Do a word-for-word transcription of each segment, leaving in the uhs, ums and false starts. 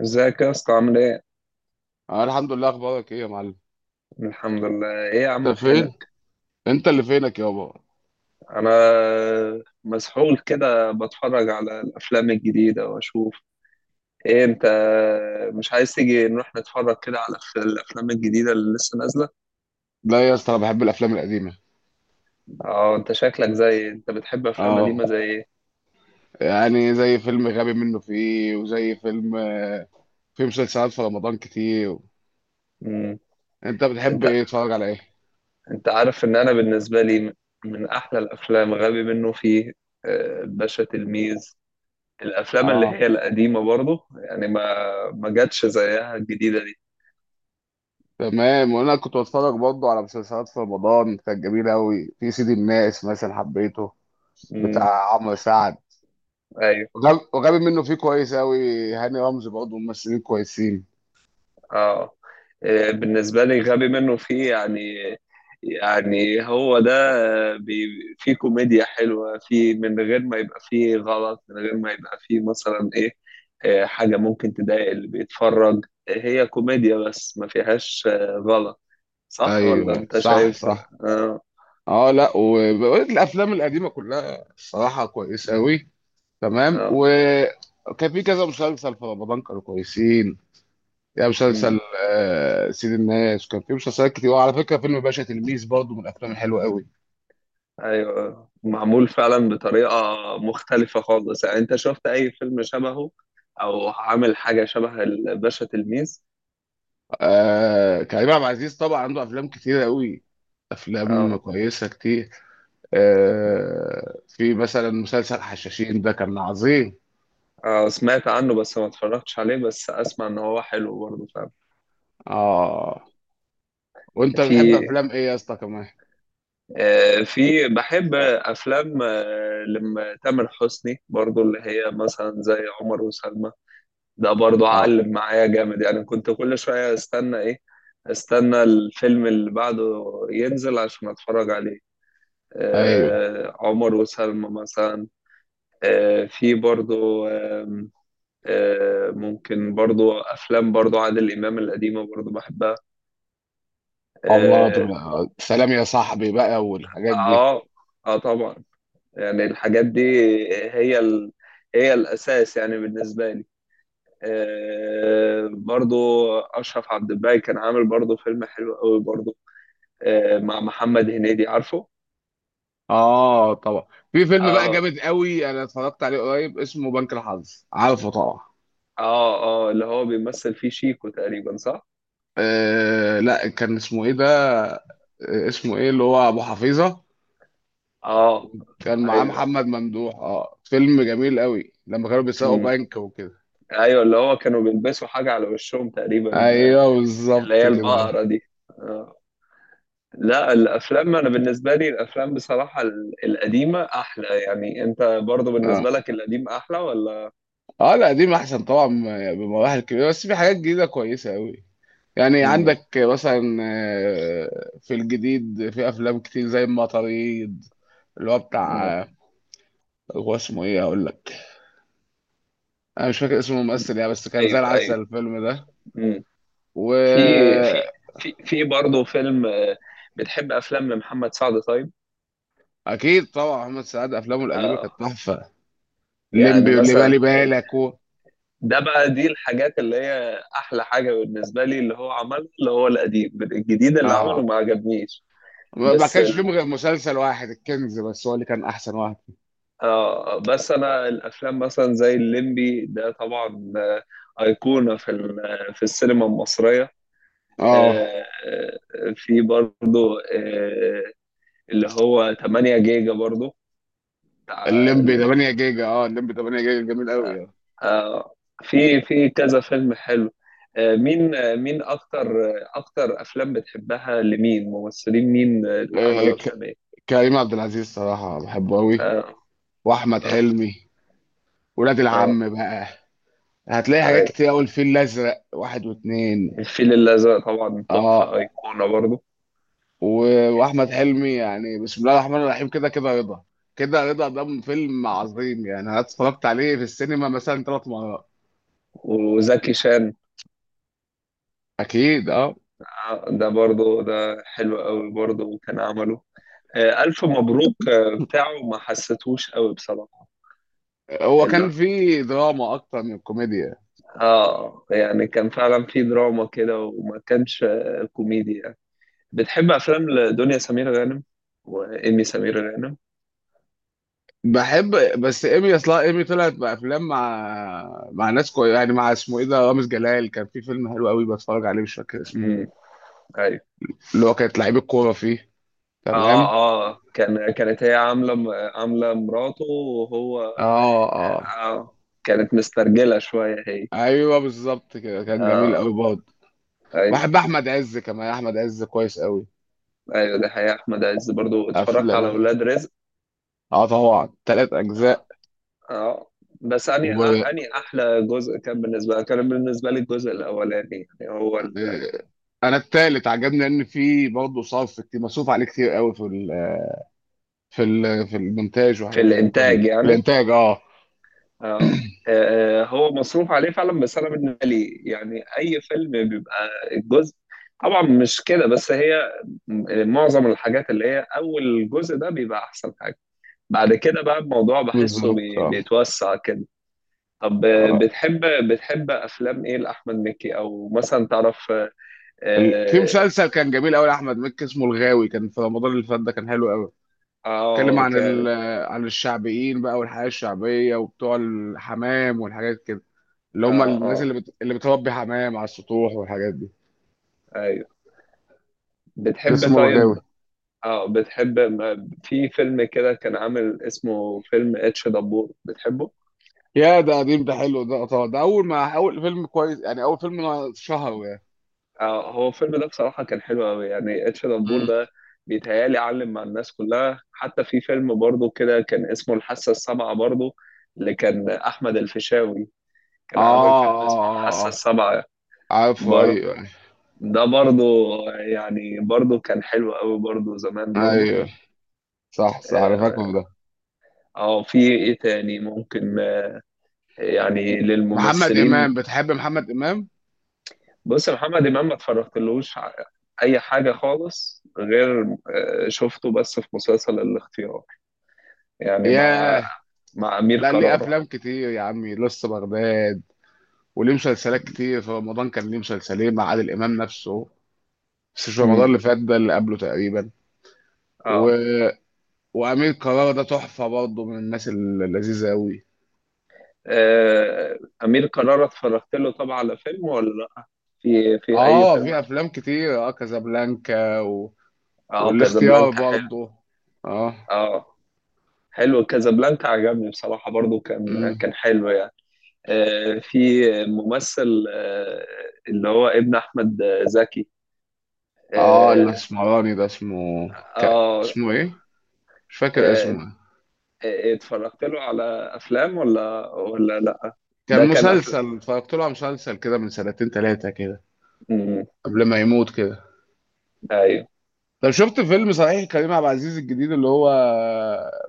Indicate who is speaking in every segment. Speaker 1: ازيك يا اسطى عامل ايه؟
Speaker 2: انا الحمد لله، اخبارك ايه يا معلم؟
Speaker 1: الحمد لله، ايه يا عم
Speaker 2: انت فين؟
Speaker 1: فينك؟
Speaker 2: انت اللي فينك يابا.
Speaker 1: انا مسحول كده بتفرج على الافلام الجديدة واشوف ايه، انت مش عايز تيجي نروح نتفرج كده على الف- الافلام الجديدة اللي لسه نازلة؟
Speaker 2: لا يا اسطى، انا بحب الافلام القديمه.
Speaker 1: اه انت شكلك زي ايه؟ انت بتحب افلام
Speaker 2: اه.
Speaker 1: قديمة زي ايه؟
Speaker 2: يعني زي فيلم غبي منه فيه وزي فيلم، آه، في مسلسلات في رمضان كتير.
Speaker 1: مم.
Speaker 2: انت بتحب
Speaker 1: انت
Speaker 2: ايه؟ تتفرج على ايه؟
Speaker 1: انت عارف ان انا بالنسبة لي م- من احلى الافلام غبي منه فيه. آه، الباشا تلميذ. الافلام اللي
Speaker 2: اه.
Speaker 1: هي القديمة برضه، يعني ما ما جاتش زيها الجديدة دي.
Speaker 2: تمام، وانا كنت بتفرج برضه على مسلسلات في رمضان كانت جميله قوي، في سيدي الناس مثلا حبيته.
Speaker 1: مم.
Speaker 2: بتاع عمرو سعد.
Speaker 1: ايوه
Speaker 2: وغبي وغبي منه فيه كويس قوي، هاني رمزي برضه ممثلين كويسين.
Speaker 1: اه. آه، بالنسبة لي غبي منه فيه يعني، يعني هو ده. آه، بي- فيه كوميديا حلوة، فيه من غير ما يبقى فيه غلط، من غير ما يبقى فيه مثلا ايه، آه، حاجة ممكن تضايق اللي بيتفرج، هي كوميديا بس ما فيهاش آه، غلط. صح ولا
Speaker 2: ايوه،
Speaker 1: انت
Speaker 2: صح،
Speaker 1: شايف؟
Speaker 2: صح.
Speaker 1: اه
Speaker 2: اه، لا، والافلام القديمه كلها الصراحه كويسه قوي. تمام،
Speaker 1: اه.
Speaker 2: وكان في كذا مسلسل في رمضان كانوا كويسين. يا
Speaker 1: مم.
Speaker 2: مسلسل. آه سيد الناس كان في مسلسلات كتير، وعلى فكره فيلم باشا تلميذ برضه من الافلام الحلوه قوي.
Speaker 1: ايوه، معمول فعلا بطريقة مختلفة خالص، يعني انت شفت اي فيلم شبهه او عامل حاجة شبه الباشا تلميذ؟
Speaker 2: آه كريم عبد العزيز طبعا عنده افلام كتير قوي. افلام
Speaker 1: اه،
Speaker 2: كويسه كتير. آه في مثلا مسلسل حشاشين ده كان عظيم.
Speaker 1: آه، سمعت عنه بس ما اتفرجتش عليه، بس اسمع ان هو حلو برضه، فاهم.
Speaker 2: اه، وانت بتحب
Speaker 1: في
Speaker 2: افلام ايه يا اسطى كمان؟
Speaker 1: آه، في بحب افلام آه، لما تامر حسني، برضه اللي هي مثلا زي عمر وسلمى. ده برضه
Speaker 2: اه.
Speaker 1: علم معايا جامد، يعني كنت كل شوية استنى ايه، استنى الفيلم اللي بعده ينزل عشان اتفرج عليه.
Speaker 2: ايوه.
Speaker 1: آه، عمر وسلمى مثلا. آه، في برضه آم، آه، ممكن برضه افلام، برضه عادل امام القديمة برضه بحبها.
Speaker 2: الله،
Speaker 1: آه،
Speaker 2: تبقى سلام يا صاحبي بقى والحاجات دي.
Speaker 1: اه، اه طبعا، يعني الحاجات دي هي ال... هي الاساس يعني بالنسبه لي. آه برضو، اشرف عبد الباقي كان عامل برضو فيلم حلو قوي برضو، آه مع محمد هنيدي، عارفه.
Speaker 2: اه، طبعا. في فيلم بقى
Speaker 1: اه
Speaker 2: جامد قوي انا اتفرجت عليه قريب اسمه بنك الحظ، عارفه طبعا؟
Speaker 1: اه اه، اللي هو بيمثل فيه شيكو تقريبا، صح.
Speaker 2: آه لا، كان اسمه ايه ده؟ آه، اسمه ايه اللي هو ابو حفيظه.
Speaker 1: اه
Speaker 2: كان معاه
Speaker 1: ايوه.
Speaker 2: محمد ممدوح، اه، فيلم جميل قوي لما كانوا بيسرقوا
Speaker 1: مم.
Speaker 2: بنك وكده.
Speaker 1: ايوه، اللي هو كانوا بيلبسوا حاجه على وشهم تقريبا آه،
Speaker 2: ايوه،
Speaker 1: اللي
Speaker 2: بالظبط
Speaker 1: هي
Speaker 2: كده.
Speaker 1: البقره دي. آه. لا الافلام، انا بالنسبه لي الافلام بصراحه ال- القديمه احلى يعني. انت برضو
Speaker 2: اه،
Speaker 1: بالنسبه لك القديم احلى ولا؟
Speaker 2: اه، لا دي احسن طبعا. بمراحل كبيره، بس في حاجات جديده كويسه قوي. يعني
Speaker 1: مم.
Speaker 2: عندك مثلا آه، في الجديد في افلام كتير زي المطاريد. اللي هو
Speaker 1: مم.
Speaker 2: بتاع، آه، هو اسمه ايه هقول لك. انا مش فاكر اسمه الممثل يعني، بس كان زي
Speaker 1: ايوه ايوه.
Speaker 2: العسل الفيلم ده.
Speaker 1: مم. في في
Speaker 2: واكيد.
Speaker 1: في في برضه فيلم، آه، بتحب افلام لمحمد سعد طيب؟
Speaker 2: طبعا محمد سعد افلامه القديمه
Speaker 1: آه،
Speaker 2: كانت تحفه.
Speaker 1: يعني
Speaker 2: ليمبي واللي بالي
Speaker 1: مثلا،
Speaker 2: بالك و...
Speaker 1: ده بقى دي الحاجات اللي هي احلى حاجه بالنسبه لي اللي هو عملها، اللي هو القديم. الجديد اللي عمله
Speaker 2: اه،
Speaker 1: ما عجبنيش.
Speaker 2: ما ما
Speaker 1: بس
Speaker 2: كانش فيلم غير مسلسل واحد الكنز، بس هو اللي كان احسن واحد.
Speaker 1: اه، بس انا الافلام مثلا زي الليمبي ده طبعا آه، ايقونه في ال- في السينما المصريه.
Speaker 2: اه
Speaker 1: آه، آه، في برضو آه، اللي هو ثمانية جيجا برضو بتاع-
Speaker 2: الليمبي تمانية جيجا، اه الليمبي تمانية جيجا جميل قوي آه.
Speaker 1: آه، في في كذا فيلم حلو. آه، مين آه، مين اكتر آه، اكتر افلام بتحبها لمين؟ ممثلين مين آه، اللي
Speaker 2: آه،
Speaker 1: عملوا
Speaker 2: ك...
Speaker 1: افلام ايه؟
Speaker 2: كريم عبد العزيز صراحه بحبه قوي.
Speaker 1: اه
Speaker 2: واحمد
Speaker 1: اه
Speaker 2: حلمي. ولاد
Speaker 1: اه.
Speaker 2: العم بقى. هتلاقي حاجات
Speaker 1: أي.
Speaker 2: كتير قوي، الفيل الازرق واحد واتنين.
Speaker 1: الفيل الازرق طبعا تحفه،
Speaker 2: اه،
Speaker 1: ايقونه برضو.
Speaker 2: و- واحمد حلمي يعني بسم الله الرحمن الرحيم، كده كده رضا، كده رضا ده فيلم عظيم يعني انا اتفرجت عليه في السينما مثلا ثلاث مرات.
Speaker 1: وزكي شان،
Speaker 2: اكيد، اه.
Speaker 1: آه، ده برضه ده حلو قوي برضه، كان عمله آه، ألف مبروك، آه، بتاعه ما حسيتهوش قوي بصراحة.
Speaker 2: هو كان
Speaker 1: لا،
Speaker 2: فيه دراما اكتر من كوميديا.
Speaker 1: اه يعني كان فعلا في دراما كده وما كانش آه، كوميدي يعني. بتحب أفلام لدنيا سمير غانم وإيمي سمير غانم؟
Speaker 2: بحب. بس ايمي، اصلا ايمي طلعت بافلام مع مع ناس كوي يعني، مع اسمه ايه ده رامز جلال، كان في فيلم حلو قوي بتفرج عليه مش فاكر اسمه.
Speaker 1: امم، أيوه.
Speaker 2: اللي هو كانت لعيب الكوره فيه.
Speaker 1: اه
Speaker 2: تمام.
Speaker 1: اه، كان كانت هي عاملة عاملة مراته وهو.
Speaker 2: اه، اه.
Speaker 1: اه، كانت مسترجلة شوية هي.
Speaker 2: ايوه، بالظبط كده كان جميل قوي
Speaker 1: اه
Speaker 2: برضه.
Speaker 1: ايوه.
Speaker 2: بحب احمد عز كمان، احمد عز كويس قوي.
Speaker 1: ايوه ده حقيقة، احمد عز برضو اتفرجت على
Speaker 2: افلام.
Speaker 1: ولاد رزق.
Speaker 2: اه، طبعا ثلاث اجزاء.
Speaker 1: اه بس اني
Speaker 2: وب...
Speaker 1: اني احلى جزء كان بالنسبه كان بالنسبه لي الجزء الاولاني، يعني هو ال-
Speaker 2: آه، انا الثالث عجبني ان في برضه صرف كتير، مصروف عليه كتير قوي في ال... في ال... في المونتاج
Speaker 1: في
Speaker 2: وحاجات زي كده، في,
Speaker 1: الانتاج
Speaker 2: ال... في
Speaker 1: يعني.
Speaker 2: الانتاج اه.
Speaker 1: اه آه، آه. هو مصروف عليه فعلا. بس انا بالنسبه لي يعني اي فيلم بيبقى الجزء، طبعا مش كده، بس هي معظم الحاجات اللي هي اول جزء ده بيبقى احسن حاجه. بعد كده بقى الموضوع بحسه
Speaker 2: بالظبط،
Speaker 1: بي-
Speaker 2: اه،
Speaker 1: بيتوسع كده. طب آه،
Speaker 2: اه.
Speaker 1: بتحب بتحب افلام ايه لاحمد مكي او مثلا تعرف؟
Speaker 2: ال... في
Speaker 1: اه
Speaker 2: مسلسل كان جميل قوي لاحمد مكي اسمه الغاوي، كان في رمضان اللي فات ده كان حلو قوي. اتكلم
Speaker 1: آه،
Speaker 2: عن ال... عن الشعبيين بقى، والحياه الشعبيه وبتوع الحمام والحاجات كده. اللي هم
Speaker 1: اه
Speaker 2: الناس
Speaker 1: اه
Speaker 2: اللي بت... اللي بتربي حمام على السطوح والحاجات دي.
Speaker 1: ايوه. بتحب
Speaker 2: اسمه الغاوي.
Speaker 1: طيب، اه بتحب؟ ما في فيلم كده كان عامل اسمه فيلم اتش دبور، بتحبه؟
Speaker 2: يا، ده قديم، ده حلو، ده طبعا ده اول ما اول فيلم كويس يعني اول فيلم. شهر يعني.
Speaker 1: اه هو الفيلم ده بصراحة كان حلو قوي يعني. اتش دبور
Speaker 2: مم.
Speaker 1: ده بيتهيألي علم مع الناس كلها. حتى في فيلم برضه كده كان اسمه الحاسة السابعة برضه، اللي كان أحمد الفيشاوي
Speaker 2: اه،
Speaker 1: كان عامل
Speaker 2: اه،
Speaker 1: فيلم اسمه
Speaker 2: اه،
Speaker 1: الحاسة
Speaker 2: اه،
Speaker 1: السابعة
Speaker 2: عارفه،
Speaker 1: برضه،
Speaker 2: ايوه.
Speaker 1: ده برضه، يعني برضه كان حلو قوي برضه زمان برضه.
Speaker 2: ايوه، صح، صح، انا فاكره
Speaker 1: اه
Speaker 2: ده.
Speaker 1: آه، في ايه تاني ممكن، يعني
Speaker 2: محمد
Speaker 1: للممثلين؟
Speaker 2: امام، بتحب محمد امام؟
Speaker 1: بص يا محمد امام، ما اتفرجتلوش ع- اي حاجه خالص غير آه، شفته بس في مسلسل الاختيار، يعني مع
Speaker 2: ياه.
Speaker 1: مع امير
Speaker 2: لا، ليه
Speaker 1: كرارة.
Speaker 2: افلام كتير يا عمي لسه بغداد. وليه مسلسلات كتير في رمضان، كان ليه مسلسلين مع عادل امام نفسه. بس مش رمضان
Speaker 1: امم
Speaker 2: اللي فات ده، اللي قبله تقريبا. و...
Speaker 1: اه،
Speaker 2: وامير كرارة ده تحفه برضه من الناس اللذيذه قوي.
Speaker 1: آه، امير كرارة اتفرجت له طبعا على فيلم ولا لأ؟ في في اي
Speaker 2: اه،
Speaker 1: فيلم
Speaker 2: في
Speaker 1: اتف-
Speaker 2: افلام كتير، اه كازابلانكا و...
Speaker 1: اه
Speaker 2: والاختيار
Speaker 1: كازابلانكا حلو.
Speaker 2: برضه. اه.
Speaker 1: اه حلو كازابلانكا عجبني بصراحه برضو، كان
Speaker 2: امم.
Speaker 1: كان حلو يعني. آه، في ممثل آه، اللي هو ابن احمد زكي
Speaker 2: اه،
Speaker 1: آه،
Speaker 2: الاسمراني ده اسمه. ك...
Speaker 1: اه
Speaker 2: اسمه ايه؟ مش فاكر
Speaker 1: آه،
Speaker 2: اسمه.
Speaker 1: آه، اتفرجت له على افلام ولا ولا لا؟
Speaker 2: كان
Speaker 1: ده كان افلام،
Speaker 2: مسلسل، اتفرجت له على مسلسل كده من سنتين ثلاثه كده.
Speaker 1: مم،
Speaker 2: قبل ما يموت كده.
Speaker 1: ايوه.
Speaker 2: طب شفت فيلم صحيح كريم عبد العزيز الجديد اللي هو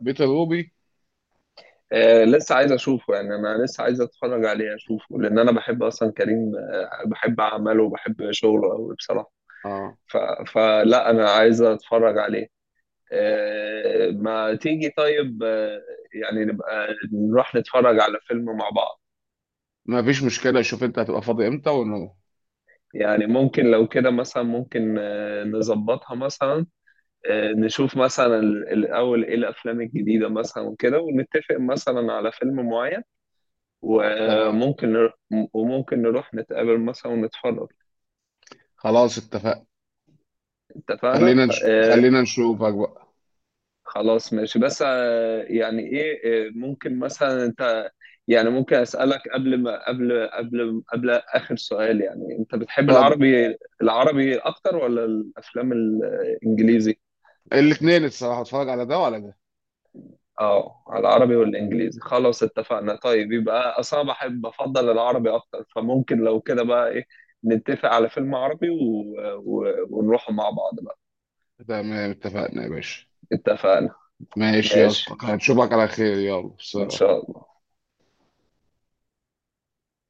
Speaker 2: بيت الروبي؟
Speaker 1: آه، لسه عايز اشوفه، يعني انا لسه عايز اتفرج عليه اشوفه، لان انا بحب اصلا كريم، آه، بحب اعماله وبحب شغله قوي بصراحه.
Speaker 2: اه،
Speaker 1: ف... فلا انا عايز اتفرج عليه. آه، ما تيجي طيب آه، يعني نبقى نروح نتفرج على فيلم مع بعض.
Speaker 2: ما فيش مشكله، شوف انت هتبقى فاضي امتى ونروح.
Speaker 1: يعني ممكن لو كده مثلا ممكن آه، نظبطها مثلا، آه، نشوف مثلا ال- الأول إيه الأفلام الجديدة مثلا وكده، ونتفق مثلا على فيلم معين
Speaker 2: تمام.
Speaker 1: وممكن نروح، وممكن نروح نتقابل مثلا ونتفرج.
Speaker 2: خلاص، اتفقنا.
Speaker 1: اتفقنا؟
Speaker 2: خلينا نش...
Speaker 1: آه.
Speaker 2: خلينا نشوفك بقى.
Speaker 1: خلاص ماشي، بس آه يعني إيه، آه ممكن مثلا أنت، يعني ممكن أسألك قبل ما قبل قبل قبل آخر سؤال، يعني أنت بتحب
Speaker 2: اتفضل.
Speaker 1: العربي، العربي أكتر ولا الأفلام الإنجليزي؟
Speaker 2: الاثنين الصراحه اتفرج على ده وعلى ده.
Speaker 1: اه على العربي والانجليزي، خلاص اتفقنا. طيب يبقى اصلا بحب بفضل العربي اكتر، فممكن لو كده بقى ايه، نتفق على فيلم عربي و... و... ونروح مع بعض بقى.
Speaker 2: تمام، اتفقنا يا باشا.
Speaker 1: اتفقنا.
Speaker 2: ماشي يا
Speaker 1: ماشي
Speaker 2: اسطى، هنشوفك على خير، يلا
Speaker 1: ان
Speaker 2: سلام.
Speaker 1: شاء الله.